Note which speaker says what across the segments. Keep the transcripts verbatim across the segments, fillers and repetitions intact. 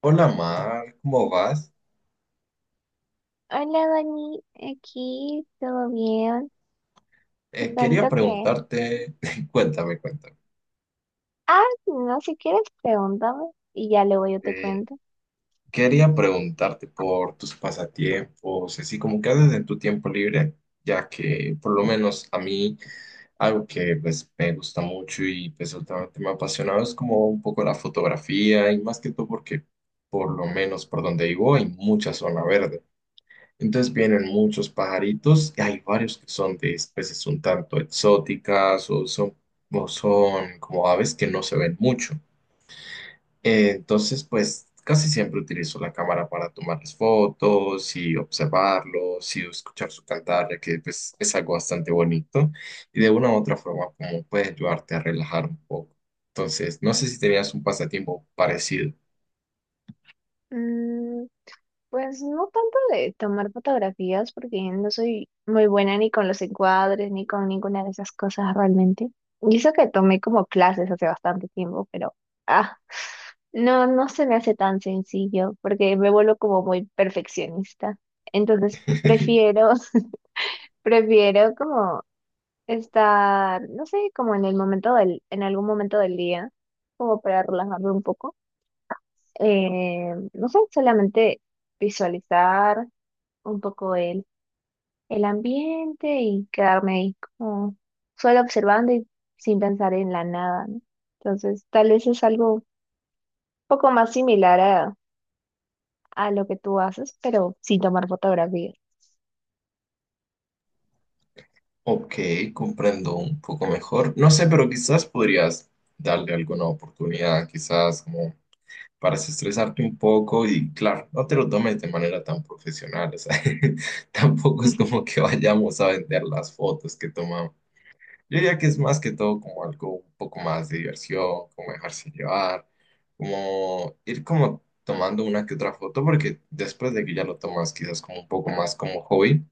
Speaker 1: Hola Mar, ¿cómo vas?
Speaker 2: Hola, Dani, aquí, ¿todo bien? Te
Speaker 1: Eh, quería
Speaker 2: cuento que...
Speaker 1: preguntarte, cuéntame, cuéntame.
Speaker 2: Ah, no, si quieres, pregúntame y ya luego yo te
Speaker 1: Eh,
Speaker 2: cuento.
Speaker 1: quería preguntarte por tus pasatiempos, así como qué haces en tu tiempo libre, ya que por lo menos a mí algo que pues me gusta mucho y pues últimamente me ha apasionado es como un poco la fotografía y más que todo porque por lo menos por donde vivo hay mucha zona verde. Entonces vienen muchos pajaritos y hay varios que son de especies un tanto exóticas o son, o son como aves que no se ven mucho. Eh, Entonces, pues casi siempre utilizo la cámara para tomarles fotos y observarlos y escuchar su cantar, ya que pues, es algo bastante bonito y de una u otra forma como puede ayudarte a relajar un poco. Entonces, no sé si tenías un pasatiempo parecido.
Speaker 2: Mm, pues no tanto de tomar fotografías porque no soy muy buena ni con los encuadres ni con ninguna de esas cosas realmente. Y eso que tomé como clases hace bastante tiempo, pero... Ah, no, no se me hace tan sencillo porque me vuelvo como muy perfeccionista. Entonces, prefiero... Prefiero como estar, no sé, como en el momento del, en algún momento del día, como para relajarme un poco. Eh, no sé, solamente visualizar un poco el, el ambiente y quedarme ahí como solo observando y sin pensar en la nada, ¿no? Entonces, tal vez es algo un poco más similar a, a lo que tú haces, pero sin tomar fotografías.
Speaker 1: Ok, comprendo un poco mejor. No sé, pero quizás podrías darle alguna oportunidad, quizás como para estresarte un poco y claro, no te lo tomes de manera tan profesional, o sea, tampoco es como que vayamos a vender las fotos que tomamos. Yo diría que es más que todo como algo un poco más de diversión, como dejarse llevar, como ir como tomando una que otra foto, porque después de que ya lo tomas quizás como un poco más como hobby.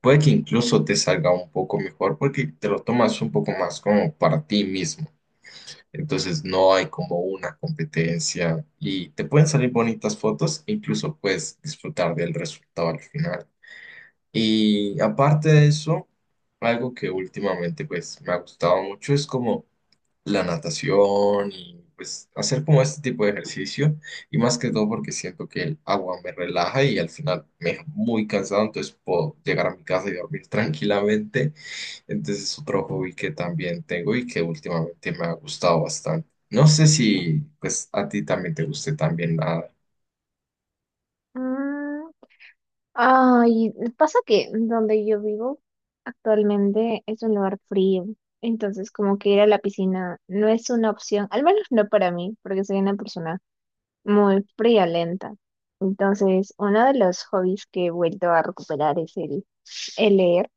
Speaker 1: Puede que incluso te salga un poco mejor porque te lo tomas un poco más como para ti mismo. Entonces no hay como una competencia y te pueden salir bonitas fotos e incluso puedes disfrutar del resultado al final. Y aparte de eso, algo que últimamente pues me ha gustado mucho es como la natación y pues hacer como este tipo de ejercicio y más que todo porque siento que el agua me relaja y al final me deja muy cansado, entonces puedo llegar a mi casa y dormir tranquilamente. Entonces es otro hobby que también tengo y que últimamente me ha gustado bastante. No sé si pues a ti también te guste también nada.
Speaker 2: Mm, Ay, pasa que donde yo vivo actualmente es un lugar frío, entonces como que ir a la piscina no es una opción, al menos no para mí, porque soy una persona muy friolenta. Entonces, uno de los hobbies que he vuelto a recuperar es el, el leer.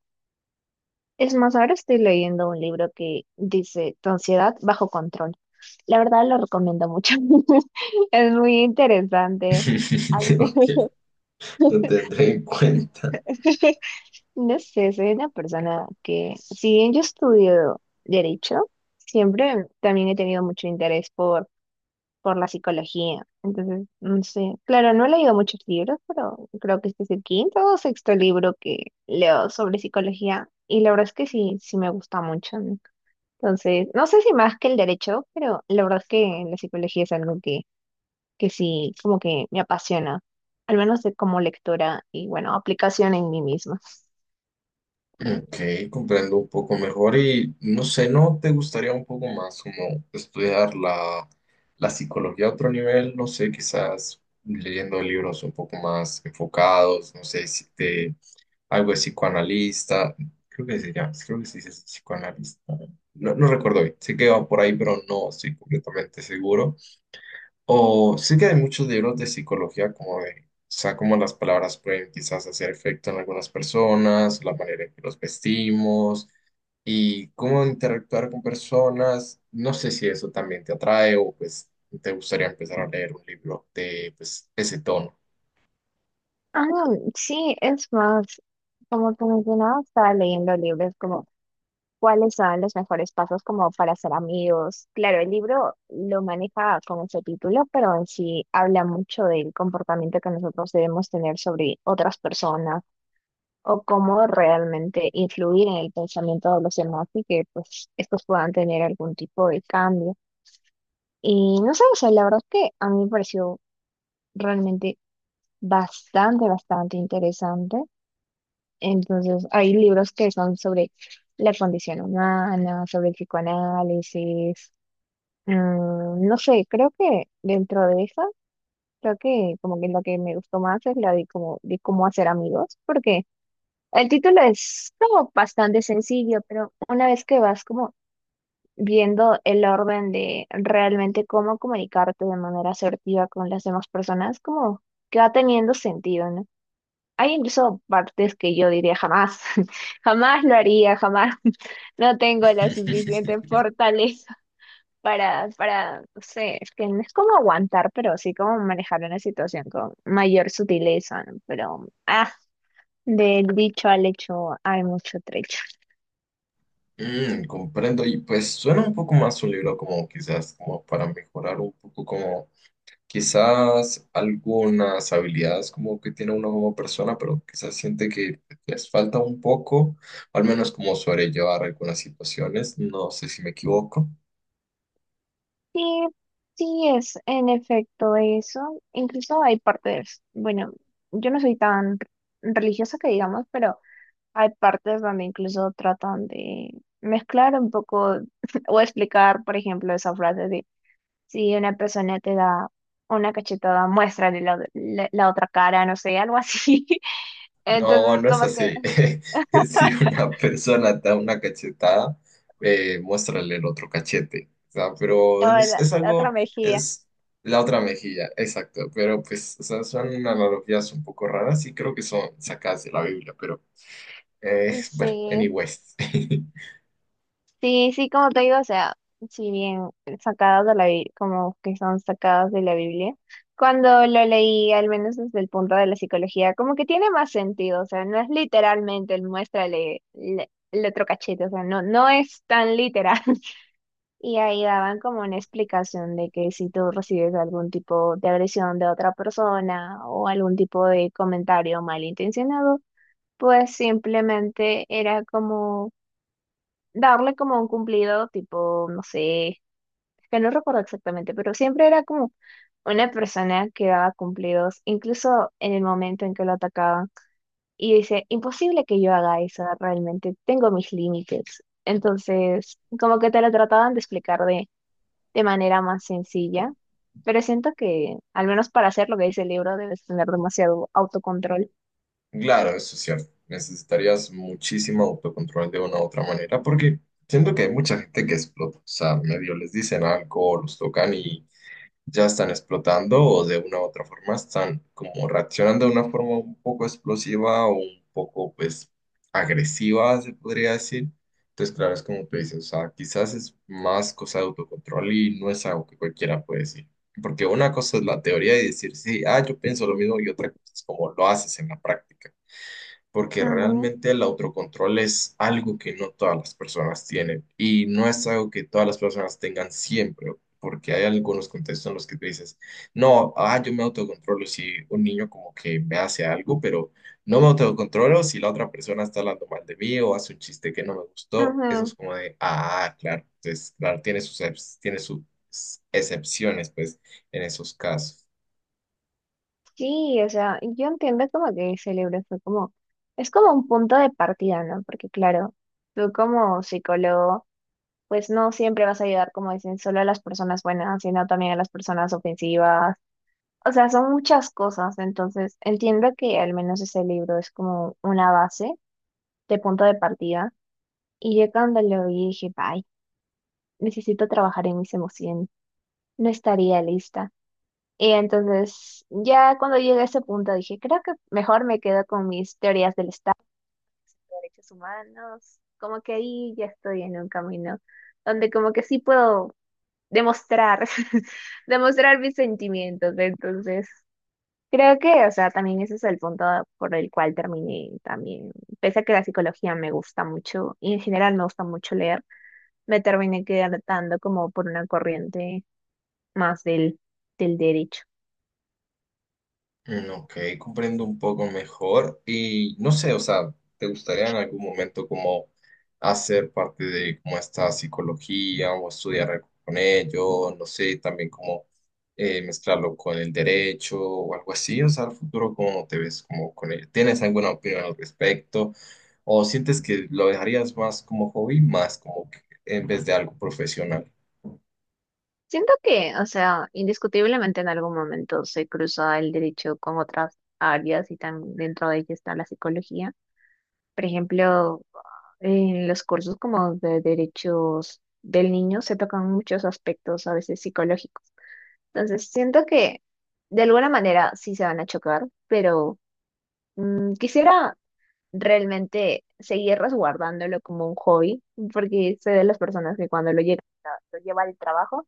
Speaker 2: Es más, ahora estoy leyendo un libro que dice Tu ansiedad bajo control. La verdad lo recomiendo mucho. Es muy interesante. Al-
Speaker 1: Lo que lo tendré en cuenta.
Speaker 2: No sé, soy una persona que, si bien yo estudio derecho, siempre también he tenido mucho interés por, por la psicología. Entonces, no sé, claro, no he leído muchos libros, pero creo que este es el quinto o sexto libro que leo sobre psicología. Y la verdad es que sí, sí me gusta mucho, ¿no? Entonces, no sé si más que el derecho, pero la verdad es que la psicología es algo que, que sí, como que me apasiona, al menos de como lectora y bueno, aplicación en mí misma.
Speaker 1: Ok, comprendo un poco mejor y no sé, ¿no te gustaría un poco más como estudiar la, la psicología a otro nivel? No sé, quizás leyendo libros un poco más enfocados, no sé, si te, algo de psicoanalista, creo que se llama, creo que se dice psicoanalista, no, no recuerdo bien, sé que va por ahí, pero no estoy completamente seguro. O sí que hay muchos libros de psicología, como de, o sea, cómo las palabras pueden quizás hacer efecto en algunas personas, la manera en que los vestimos y cómo interactuar con personas. No sé si eso también te atrae o pues te gustaría empezar a leer un libro de pues ese tono.
Speaker 2: Ah, sí, es más, como tú mencionabas, estaba leyendo libros como cuáles son los mejores pasos como para ser amigos. Claro, el libro lo maneja con ese título, pero en sí habla mucho del comportamiento que nosotros debemos tener sobre otras personas o cómo realmente influir en el pensamiento de los demás y que pues estos puedan tener algún tipo de cambio. Y no sé, o sea, la verdad es que a mí me pareció realmente bastante, bastante interesante. Entonces, hay libros que son sobre la condición humana, sobre el psicoanálisis. Mm, no sé, creo que dentro de eso, creo que como que lo que me gustó más es la de cómo, de cómo hacer amigos, porque el título es como bastante sencillo, pero una vez que vas como viendo el orden de realmente cómo comunicarte de manera asertiva con las demás personas, como que va teniendo sentido, ¿no? Hay incluso partes que yo diría jamás, jamás lo haría, jamás. No tengo la suficiente fortaleza para, para, no sé, es que no es como aguantar, pero sí como manejar una situación con mayor sutileza, ¿no? Pero, ah, del dicho al hecho hay mucho trecho.
Speaker 1: Mm, comprendo y pues suena un poco más un libro como quizás como para mejorar un poco como quizás algunas habilidades como que tiene uno como persona, pero quizás siente que les falta un poco, al menos como sobrellevar algunas situaciones. No sé si me equivoco.
Speaker 2: Sí, sí es en efecto eso. Incluso hay partes, bueno, yo no soy tan religiosa que digamos, pero hay partes donde incluso tratan de mezclar un poco o explicar, por ejemplo, esa frase de si una persona te da una cachetada, muéstrale la, la- la otra cara, no sé, algo así.
Speaker 1: No,
Speaker 2: Entonces,
Speaker 1: no es
Speaker 2: como que,
Speaker 1: así. Si una persona te da una cachetada, eh, muéstrale el otro cachete. O sea,
Speaker 2: o
Speaker 1: pero es,
Speaker 2: la
Speaker 1: es
Speaker 2: otra
Speaker 1: algo,
Speaker 2: mejilla.
Speaker 1: es la otra mejilla, exacto. Pero pues, o sea, son analogías un poco raras y creo que son sacadas de la Biblia, pero eh, bueno,
Speaker 2: Sí.
Speaker 1: anyways.
Speaker 2: Sí, sí, como te digo, o sea, si bien sacadas de la Biblia, como que son sacadas de la Biblia, cuando lo leí, al menos desde el punto de la psicología, como que tiene más sentido, o sea, no es literalmente el muéstrale le- el otro cachete, o sea, no, no es tan literal. Y ahí daban como una explicación de que si tú recibes algún tipo de agresión de otra persona o algún tipo de comentario malintencionado, pues simplemente era como darle como un cumplido, tipo, no sé, es que no recuerdo exactamente, pero siempre era como una persona que daba cumplidos, incluso en el momento en que lo atacaban. Y dice, imposible que yo haga eso, realmente tengo mis límites. Entonces, como que te lo trataban de explicar de, de manera más sencilla, pero siento que, al menos para hacer lo que dice el libro, debes tener demasiado autocontrol.
Speaker 1: Claro, eso es cierto. Necesitarías muchísimo autocontrol de una u otra manera, porque siento que hay mucha gente que explota. O sea, medio les dicen algo, los tocan y ya están explotando, o de una u otra forma están como reaccionando de una forma un poco explosiva o un poco, pues, agresiva, se podría decir. Entonces, claro, es como tú dices, o sea, quizás es más cosa de autocontrol y no es algo que cualquiera puede decir. Porque una cosa es la teoría y decir, sí, ah, yo pienso lo mismo, y otra cosa es como lo haces en la práctica porque
Speaker 2: Ujú,
Speaker 1: realmente el autocontrol es algo que no todas las personas tienen y no es algo que todas las personas tengan siempre, porque hay algunos contextos en los que tú dices, no, ah, yo me autocontrolo si un niño como que me hace algo, pero no me autocontrolo si la otra persona está hablando mal de mí o hace un chiste que no me gustó, eso es
Speaker 2: ujú.
Speaker 1: como de, ah, claro, entonces, claro, tiene sus, ex- tiene sus excepciones, pues, en esos casos.
Speaker 2: Sí, o sea, yo entiendo como que ese fue como, es como un punto de partida, ¿no? Porque claro, tú como psicólogo, pues no siempre vas a ayudar, como dicen, solo a las personas buenas, sino también a las personas ofensivas. O sea, son muchas cosas, entonces entiendo que al menos ese libro es como una base de punto de partida. Y yo cuando lo vi dije, bye, necesito trabajar en mis emociones, no estaría lista. Y entonces, ya cuando llegué a ese punto dije, creo que mejor me quedo con mis teorías del Estado, de derechos humanos, como que ahí ya estoy en un camino donde como que sí puedo demostrar, demostrar mis sentimientos. Entonces, creo que, o sea, también ese es el punto por el cual terminé también. Pese a que la psicología me gusta mucho y en general me gusta mucho leer, me terminé quedando como por una corriente más del, del derecho.
Speaker 1: Mm, ok, comprendo un poco mejor y no sé, o sea, ¿te gustaría en algún momento como hacer parte de como esta psicología o estudiar algo con ello? No sé, también como eh, mezclarlo con el derecho o algo así, o sea, ¿al futuro cómo te ves como con ello? ¿Tienes alguna opinión al respecto? ¿O sientes que lo dejarías más como hobby, más como que en vez de algo profesional?
Speaker 2: Siento que, o sea, indiscutiblemente en algún momento se cruza el derecho con otras áreas y tan dentro de ella está la psicología. Por ejemplo, en los cursos como de derechos del niño se tocan muchos aspectos a veces psicológicos. Entonces, siento que de alguna manera sí se van a chocar, pero mm, quisiera realmente seguir resguardándolo como un hobby, porque sé de las personas que cuando lo llegan, lo lleva al trabajo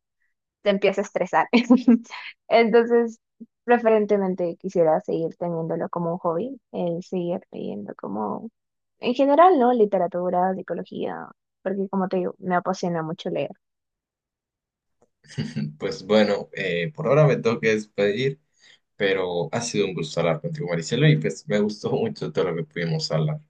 Speaker 2: te empieza a estresar. Entonces, preferentemente quisiera seguir teniéndolo como un hobby, el seguir leyendo como, en general, ¿no? Literatura, psicología, porque como te digo, me apasiona mucho leer.
Speaker 1: Pues bueno, eh, por ahora me tengo que despedir, pero ha sido un gusto hablar contigo, Maricela, y pues me gustó mucho todo lo que pudimos hablar.